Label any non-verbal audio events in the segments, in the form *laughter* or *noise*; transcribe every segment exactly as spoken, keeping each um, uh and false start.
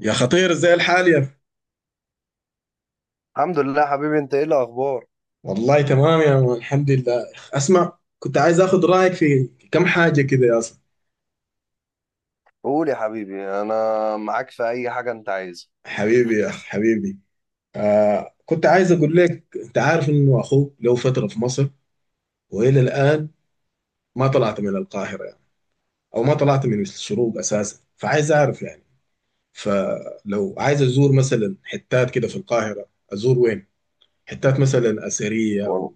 يا خطير ازاي الحال يا أخي؟ الحمد لله حبيبي، انت ايه الاخبار؟ والله تمام يا مان الحمد لله. اسمع كنت عايز اخذ رايك في كم حاجه كده يا اسطى. قول يا حبيبي، انا معاك في اي حاجه انت عايزها. حبيبي يا اخ حبيبي. آه كنت عايز اقول لك، انت عارف انه اخوك له فتره في مصر والى الان ما طلعت من القاهره يعني، او ما طلعت من الشروق اساسا، فعايز اعرف يعني. فلو عايز ازور مثلا حتات كده في القاهره ازور وين؟ حتات مثلا اثريه، والله. او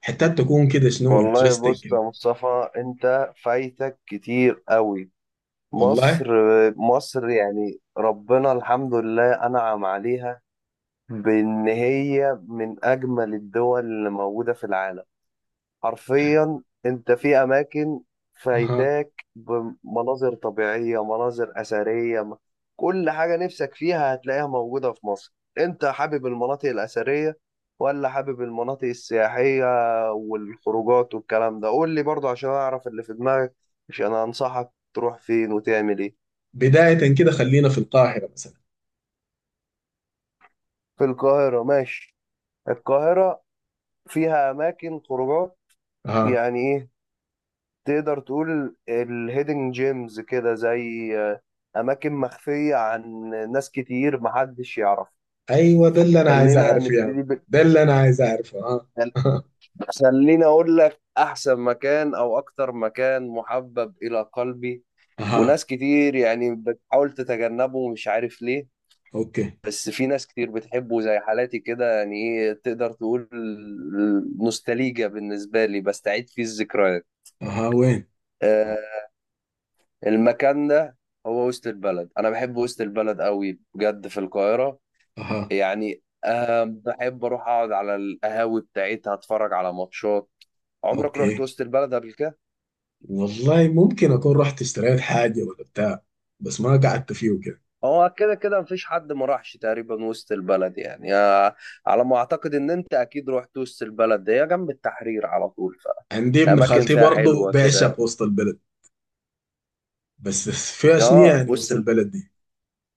حتات تكون كده شنو والله انترستنج بص يا كده. مصطفى، انت فايتك كتير قوي. مصر. والله. مصر يعني ربنا الحمد لله انعم عليها، بان هي من اجمل الدول اللي موجوده في العالم. حرفيا انت في اماكن اها. فايتاك بمناظر طبيعيه، مناظر اثريه م- كل حاجه نفسك فيها هتلاقيها موجوده في مصر. انت حابب المناطق الاثريه ولا حابب المناطق السياحيه والخروجات والكلام ده؟ قول لي برضه عشان اعرف اللي في دماغك، عشان انصحك تروح فين وتعمل ايه. بداية كده خلينا في القاهرة مثلا. في القاهره، ماشي. القاهره فيها اماكن خروجات، اها. يعني ايه، تقدر تقول الهيدن جيمز كده زي آه، أماكن مخفية عن ناس كتير محدش يعرف. ايوه ده اللي انا عايز خلينا اعرفه يا عم. نبتدي ب... ده اللي انا عايز اعرفه. اها. *laughs* خليني أقول لك أحسن مكان أو أكتر مكان محبب إلى قلبي، اها. وناس كتير يعني بتحاول تتجنبه ومش عارف ليه، اوكي. بس في ناس كتير بتحبه زي حالاتي كده، يعني إيه تقدر تقول، نوستالجيا بالنسبة لي بستعيد فيه الذكريات. اها، وين؟ آه، المكان ده هو وسط البلد، انا بحب وسط البلد قوي بجد في القاهره. اها. يعني أه بحب اروح اقعد على القهاوي بتاعتها، اتفرج على ماتشات. عمرك رحت اوكي. وسط البلد قبل كده؟ والله ممكن اكون رحت اشتريت حاجة ولا بتاع، بس ما قعدت فيه وكده. هو كده كده مفيش حد ما راحش تقريبا وسط البلد يعني. آه، على ما اعتقد ان انت اكيد رحت وسط البلد، ده هي جنب التحرير على طول، عندي ابن فالاماكن خالتي فيها برضه حلوه بيعشق كده. وسط البلد. بس فيها شنو اه، يعني وسط وسط ال- البلد دي؟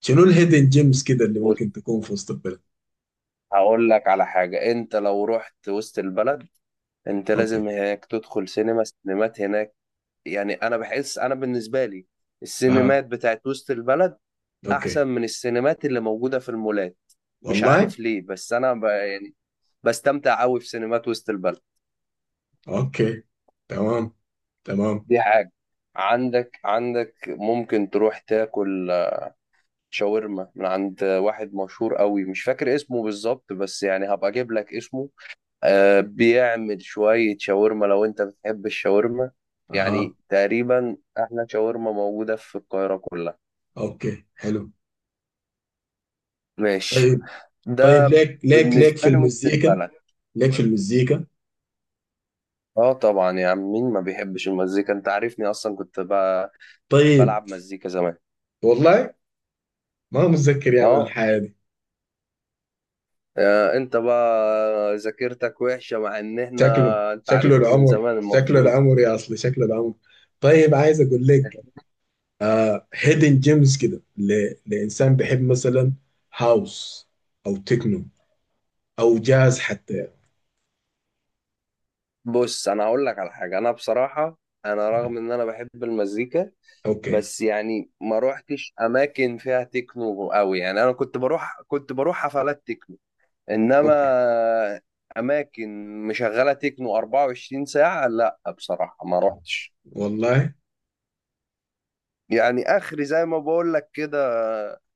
شنو الهيدن جيمز كده اللي بص، ممكن تكون في وسط البلد؟ هقول لك على حاجه. انت لو رحت وسط البلد انت اوكي. لازم هناك تدخل سينما، سينمات هناك. يعني انا بحس، انا بالنسبه لي اها. السينمات بتاعت وسط البلد اوكي. احسن من السينمات اللي موجوده في المولات. مش والله. عارف ليه، بس انا ب... يعني بستمتع قوي في سينمات وسط البلد. اوكي. تمام. تمام. دي حاجه. عندك عندك ممكن تروح تاكل شاورما من عند واحد مشهور قوي، مش فاكر اسمه بالظبط بس يعني هبقى اجيب لك اسمه. آه بيعمل شويه شاورما لو انت بتحب الشاورما، اها. يعني تقريبا احلى شاورما موجوده في القاهره كلها. اوكي، حلو. ماشي، طيب. طيب، ده ليك ليك ليك في بالنسبة لي وسط المزيكا؟ البلد. ليك في المزيكا؟ اه طبعا يا عم، مين ما بيحبش المزيكا؟ انت عارفني اصلا، كنت بقى طيب. بلعب مزيكا زمان. والله، ما متذكر يا مان اه. الحياة دي. آه، انت بقى ذاكرتك وحشة مع ان احنا شكله انت شكله عارفني من العمر، زمان شكله المفروض. العمر يا اصلي، شكله العمر. طيب عايز اقول لك. *laughs* آه، هيدن جيمز كده ل- لانسان بيحب مثلا هاوس او تكنو او جاز حتى يعني. بص، انا هقول لك على حاجة. انا بصراحة، انا رغم ان انا بحب المزيكا، اوكي. بس يعني ما روحتش اماكن فيها تكنو قوي، يعني انا كنت بروح كنت بروح حفلات تكنو. انما اوكي. اماكن مشغله تكنو اربعة وعشرين ساعة ساعه، لا بصراحه ما روحتش، والله. يعني اخري زي ما بقول لك كده،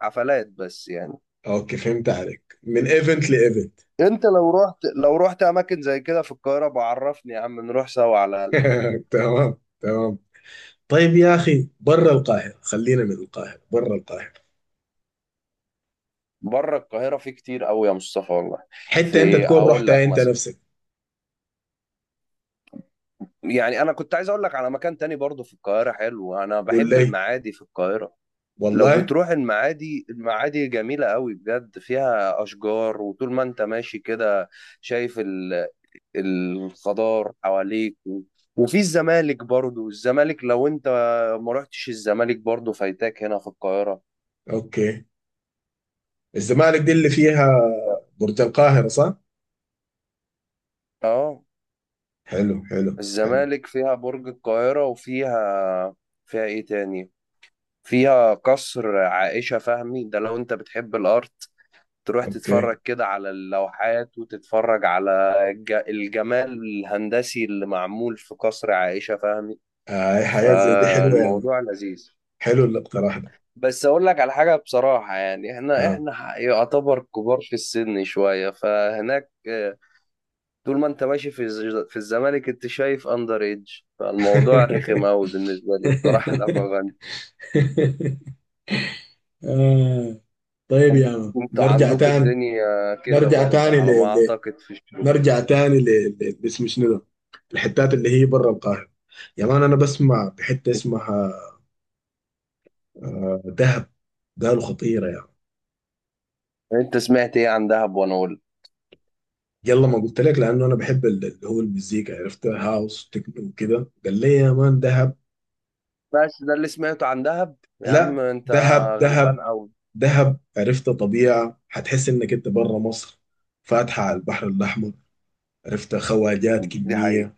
حفلات بس يعني. اوكي، فهمت عليك، من ايفنت لايفنت. انت لو رحت لو رحت اماكن زي كده في القاهره بعرفني يا عم، نروح سوا على الاقل. *laughs* تمام. تمام. طيب يا اخي برا القاهرة، خلينا من القاهرة برا القاهرة. بره القاهره في كتير قوي يا مصطفى والله. حته انت في، تكون هقول رحتها لك انت مثلا، نفسك. يعني انا كنت عايز اقول لك على مكان تاني برضه في القاهره حلو، انا قول بحب لي. المعادي في القاهره. لو والله. بتروح المعادي، المعادي جميلة قوي بجد، فيها أشجار وطول ما أنت ماشي كده شايف ال- الخضار حواليك و- وفي الزمالك برضو. الزمالك، لو أنت ما رحتش الزمالك برضو فايتاك هنا في القاهرة. اوكي. الزمالك دي اللي فيها برج القاهره، صح؟ اه، حلو حلو حلو. الزمالك فيها برج القاهرة، وفيها فيها ايه تاني؟ فيها قصر عائشة فهمي، ده لو انت بتحب الارت تروح اوكي. تتفرج كده على اللوحات وتتفرج على الج- الجمال الهندسي اللي معمول في قصر عائشة فهمي. آه، أي حياه زي دي حلوه يا مان. فالموضوع لذيذ. حلو الاقتراح ده. بس اقول لك على حاجة بصراحة، يعني احنا ها. احنا ح- يعتبر كبار في السن شوية، فهناك آه، طول ما انت ماشي في الز- في الزمالك انت شايف اندر ايدج، فالموضوع رخم *laughs* قوي بالنسبة لي بصراحة لما بن- آه. طيب يا مان، انتوا نرجع عندكم تاني الدنيا كده نرجع تاني برضه ل... على ما ل... اعتقد في الشروق. نرجع تاني ل... ل... اسمه شنو ده؟ الحتات اللي هي برا القاهره. يا مان انا بسمع بحته اسمها، آه، دهب. قالوا خطيره يا مان. انت سمعت ايه عن دهب وانا اقول؟ يلا ما قلت لك، لانه انا بحب ال- اللي هو المزيكا، عرفت، هاوس تكنو وكده. قال لي يا مان دهب. بس ده اللي سمعته عن دهب؟ يا عم لا، انت دهب غلبان دهب قوي. دهب، عرفت، طبيعه هتحس انك انت بره مصر، فاتحه على البحر الاحمر، عرفت، خواجات دي حقيقة، كميه.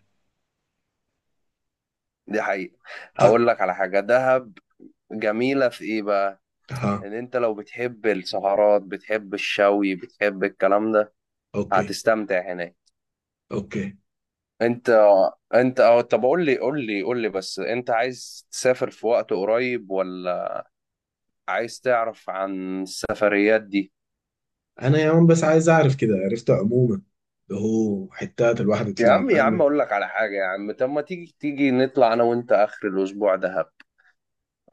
دي حقيقة. ها، اقول لك على حاجة، دهب جميلة في ايه بقى، ها. ان انت لو بتحب السهرات بتحب الشوي بتحب الكلام ده، اوكي. هتستمتع هناك. اوكي. انت انت اه طب، قول لي قول لي قول لي بس انت عايز تسافر في وقت قريب، ولا عايز تعرف عن السفريات دي؟ انا يا مان بس عايز اعرف كده، عرفت، عموما اللي هو حتات الواحد يا يطلع عم يا عم لانه. اقول لك على حاجة، يا عم طب ما تيجي تيجي نطلع انا وانت اخر الاسبوع ده،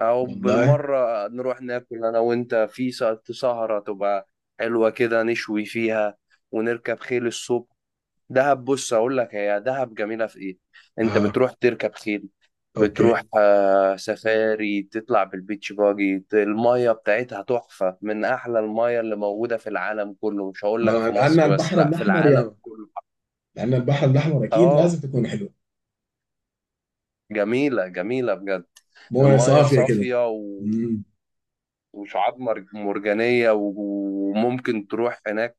او والله. بالمره نروح ناكل انا وانت في سه- سهره تبقى حلوه كده، نشوي فيها ونركب خيل الصبح. دهب، بص اقول لك هي دهب جميله في ايه، انت ها. بتروح تركب خيل، بتروح اوكي. آه، سفاري، تطلع بالبيتش باجي، ت- الميه بتاعتها تحفه من احلى الميه اللي موجوده في العالم كله، مش هقول لك ما في لان مصر بس، البحر لا، في الاحمر يا العالم مان. كله. لان البحر الاحمر اكيد اه، لازم تكون حلو. جميله جميله بجد. مويه الميه صافيه كده. صافيه امم. وشعاب مر- مرجانية، و- وممكن تروح هناك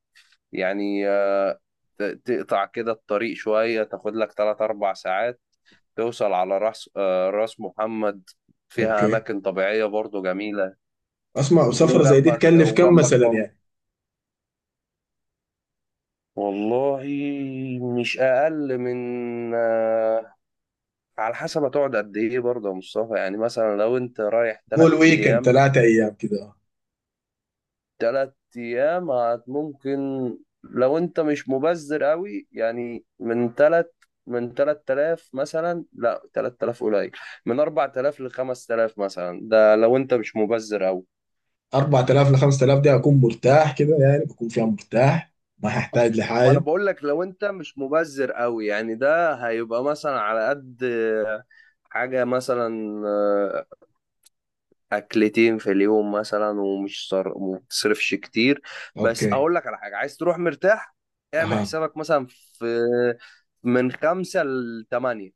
يعني، آه، ت- تقطع كده الطريق شوية، تاخد لك تلات أربع ساعات توصل على راس آه، راس محمد، فيها اوكي. أماكن طبيعية برضو جميلة. اسمع، وسفره زي دي وجنبك تكلف كم وجنبك مثلا برضو، يعني؟ والله مش أقل من آه، على حسب هتقعد قد إيه برضه يا مصطفى، يعني مثلا لو أنت رايح قول تلات ويكند أيام ثلاثة ايام كده. تلات أيام هت- ممكن، لو أنت مش مبذر قوي، يعني من تلات، من ثلاثة آلاف مثلا. لا، ثلاثة آلاف قليل، من اربع تلاف ل خمس تلاف مثلا، ده لو أنت مش مبذر قوي. اربعة الاف ل خمسة الاف دي اكون مرتاح كده يعني، بكون فيها مرتاح ما هحتاج ما انا لحاجه. بقول لك لو انت مش مبذر قوي، يعني ده هيبقى مثلا على قد حاجة، مثلا اكلتين في اليوم مثلا ومش صر... وما بتصرفش كتير. بس اوكي. اقول لك على حاجه، عايز تروح مرتاح اعمل اها. حسابك مثلا في، من خمسة لتمانية،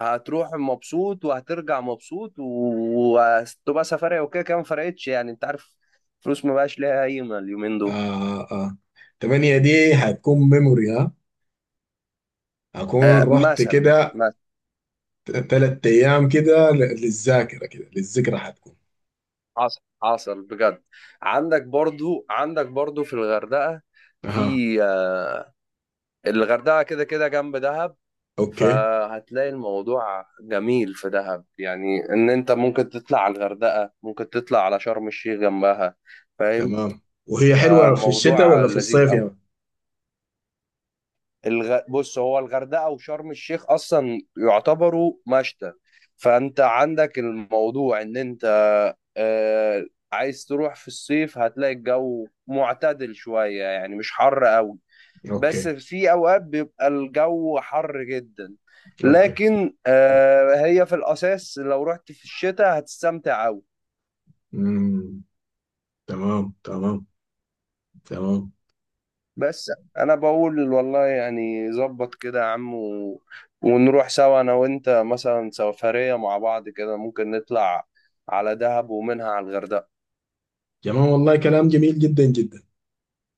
هتروح مبسوط وهترجع مبسوط و- وهتبقى سفرية، وكده كده ما فرقتش يعني انت عارف، فلوس ما بقاش ليها قيمة اليومين دول. اه، اه. تمانية دي هتكون ميموري. ها. هكون آه رحت مثلا، كده مثلا. ثلاث ايام، كده ل- للذاكره، كده للذكرى هتكون. حصل حصل بجد. عندك برضو عندك برضو في الغردقة، اها. في آه الغردقة كده كده جنب دهب، اوكي. فهتلاقي الموضوع جميل في دهب، يعني ان انت ممكن تطلع على الغردقة، ممكن تطلع على شرم الشيخ جنبها. فاهم؟ تمام. وهي حلوه في الشتاء فالموضوع ولا في لذيذ الصيف قوي. يعني؟ الغ... بص، هو الغردقة وشرم الشيخ اصلا يعتبروا مشتى. فانت عندك الموضوع ان انت آه... عايز تروح في الصيف هتلاقي الجو معتدل شوية، يعني مش حر قوي، بس اوكي. في اوقات بيبقى الجو حر جدا. اوكي. لكن آه، هي في الاساس لو رحت في الشتاء هتستمتع قوي. مم. تمام. تمام. تمام. بس انا بقول والله، يعني ظبط كده يا عم و... ونروح سوا انا وانت، مثلا سفرية مع بعض كده ممكن نطلع على دهب ومنها على الغردقة. تمام والله، كلام جميل جدا جدا.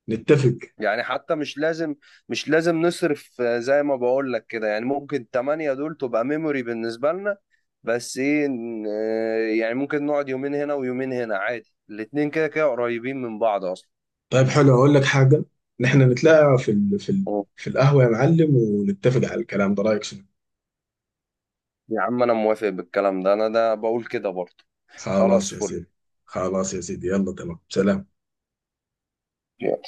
نتفق. يعني حتى مش لازم، مش لازم نصرف آه، زي ما بقول لك كده، يعني ممكن تمانية دول تبقى ميموري بالنسبة لنا. بس ايه ن- آه، يعني ممكن نقعد يومين هنا ويومين هنا عادي، الاتنين كده كده قريبين من بعض اصلا. طيب حلو، اقول لك حاجه. نحن نتلاقى في ال... في ال... أوه. في القهوه يا معلم ونتفق على الكلام ده، رايك شنو؟ يا عم انا موافق بالكلام ده، انا ده بقول كده برضه. خلاص خلاص يا فل. سيدي. خلاص يا سيدي، يلا، تمام، سلام. يلا.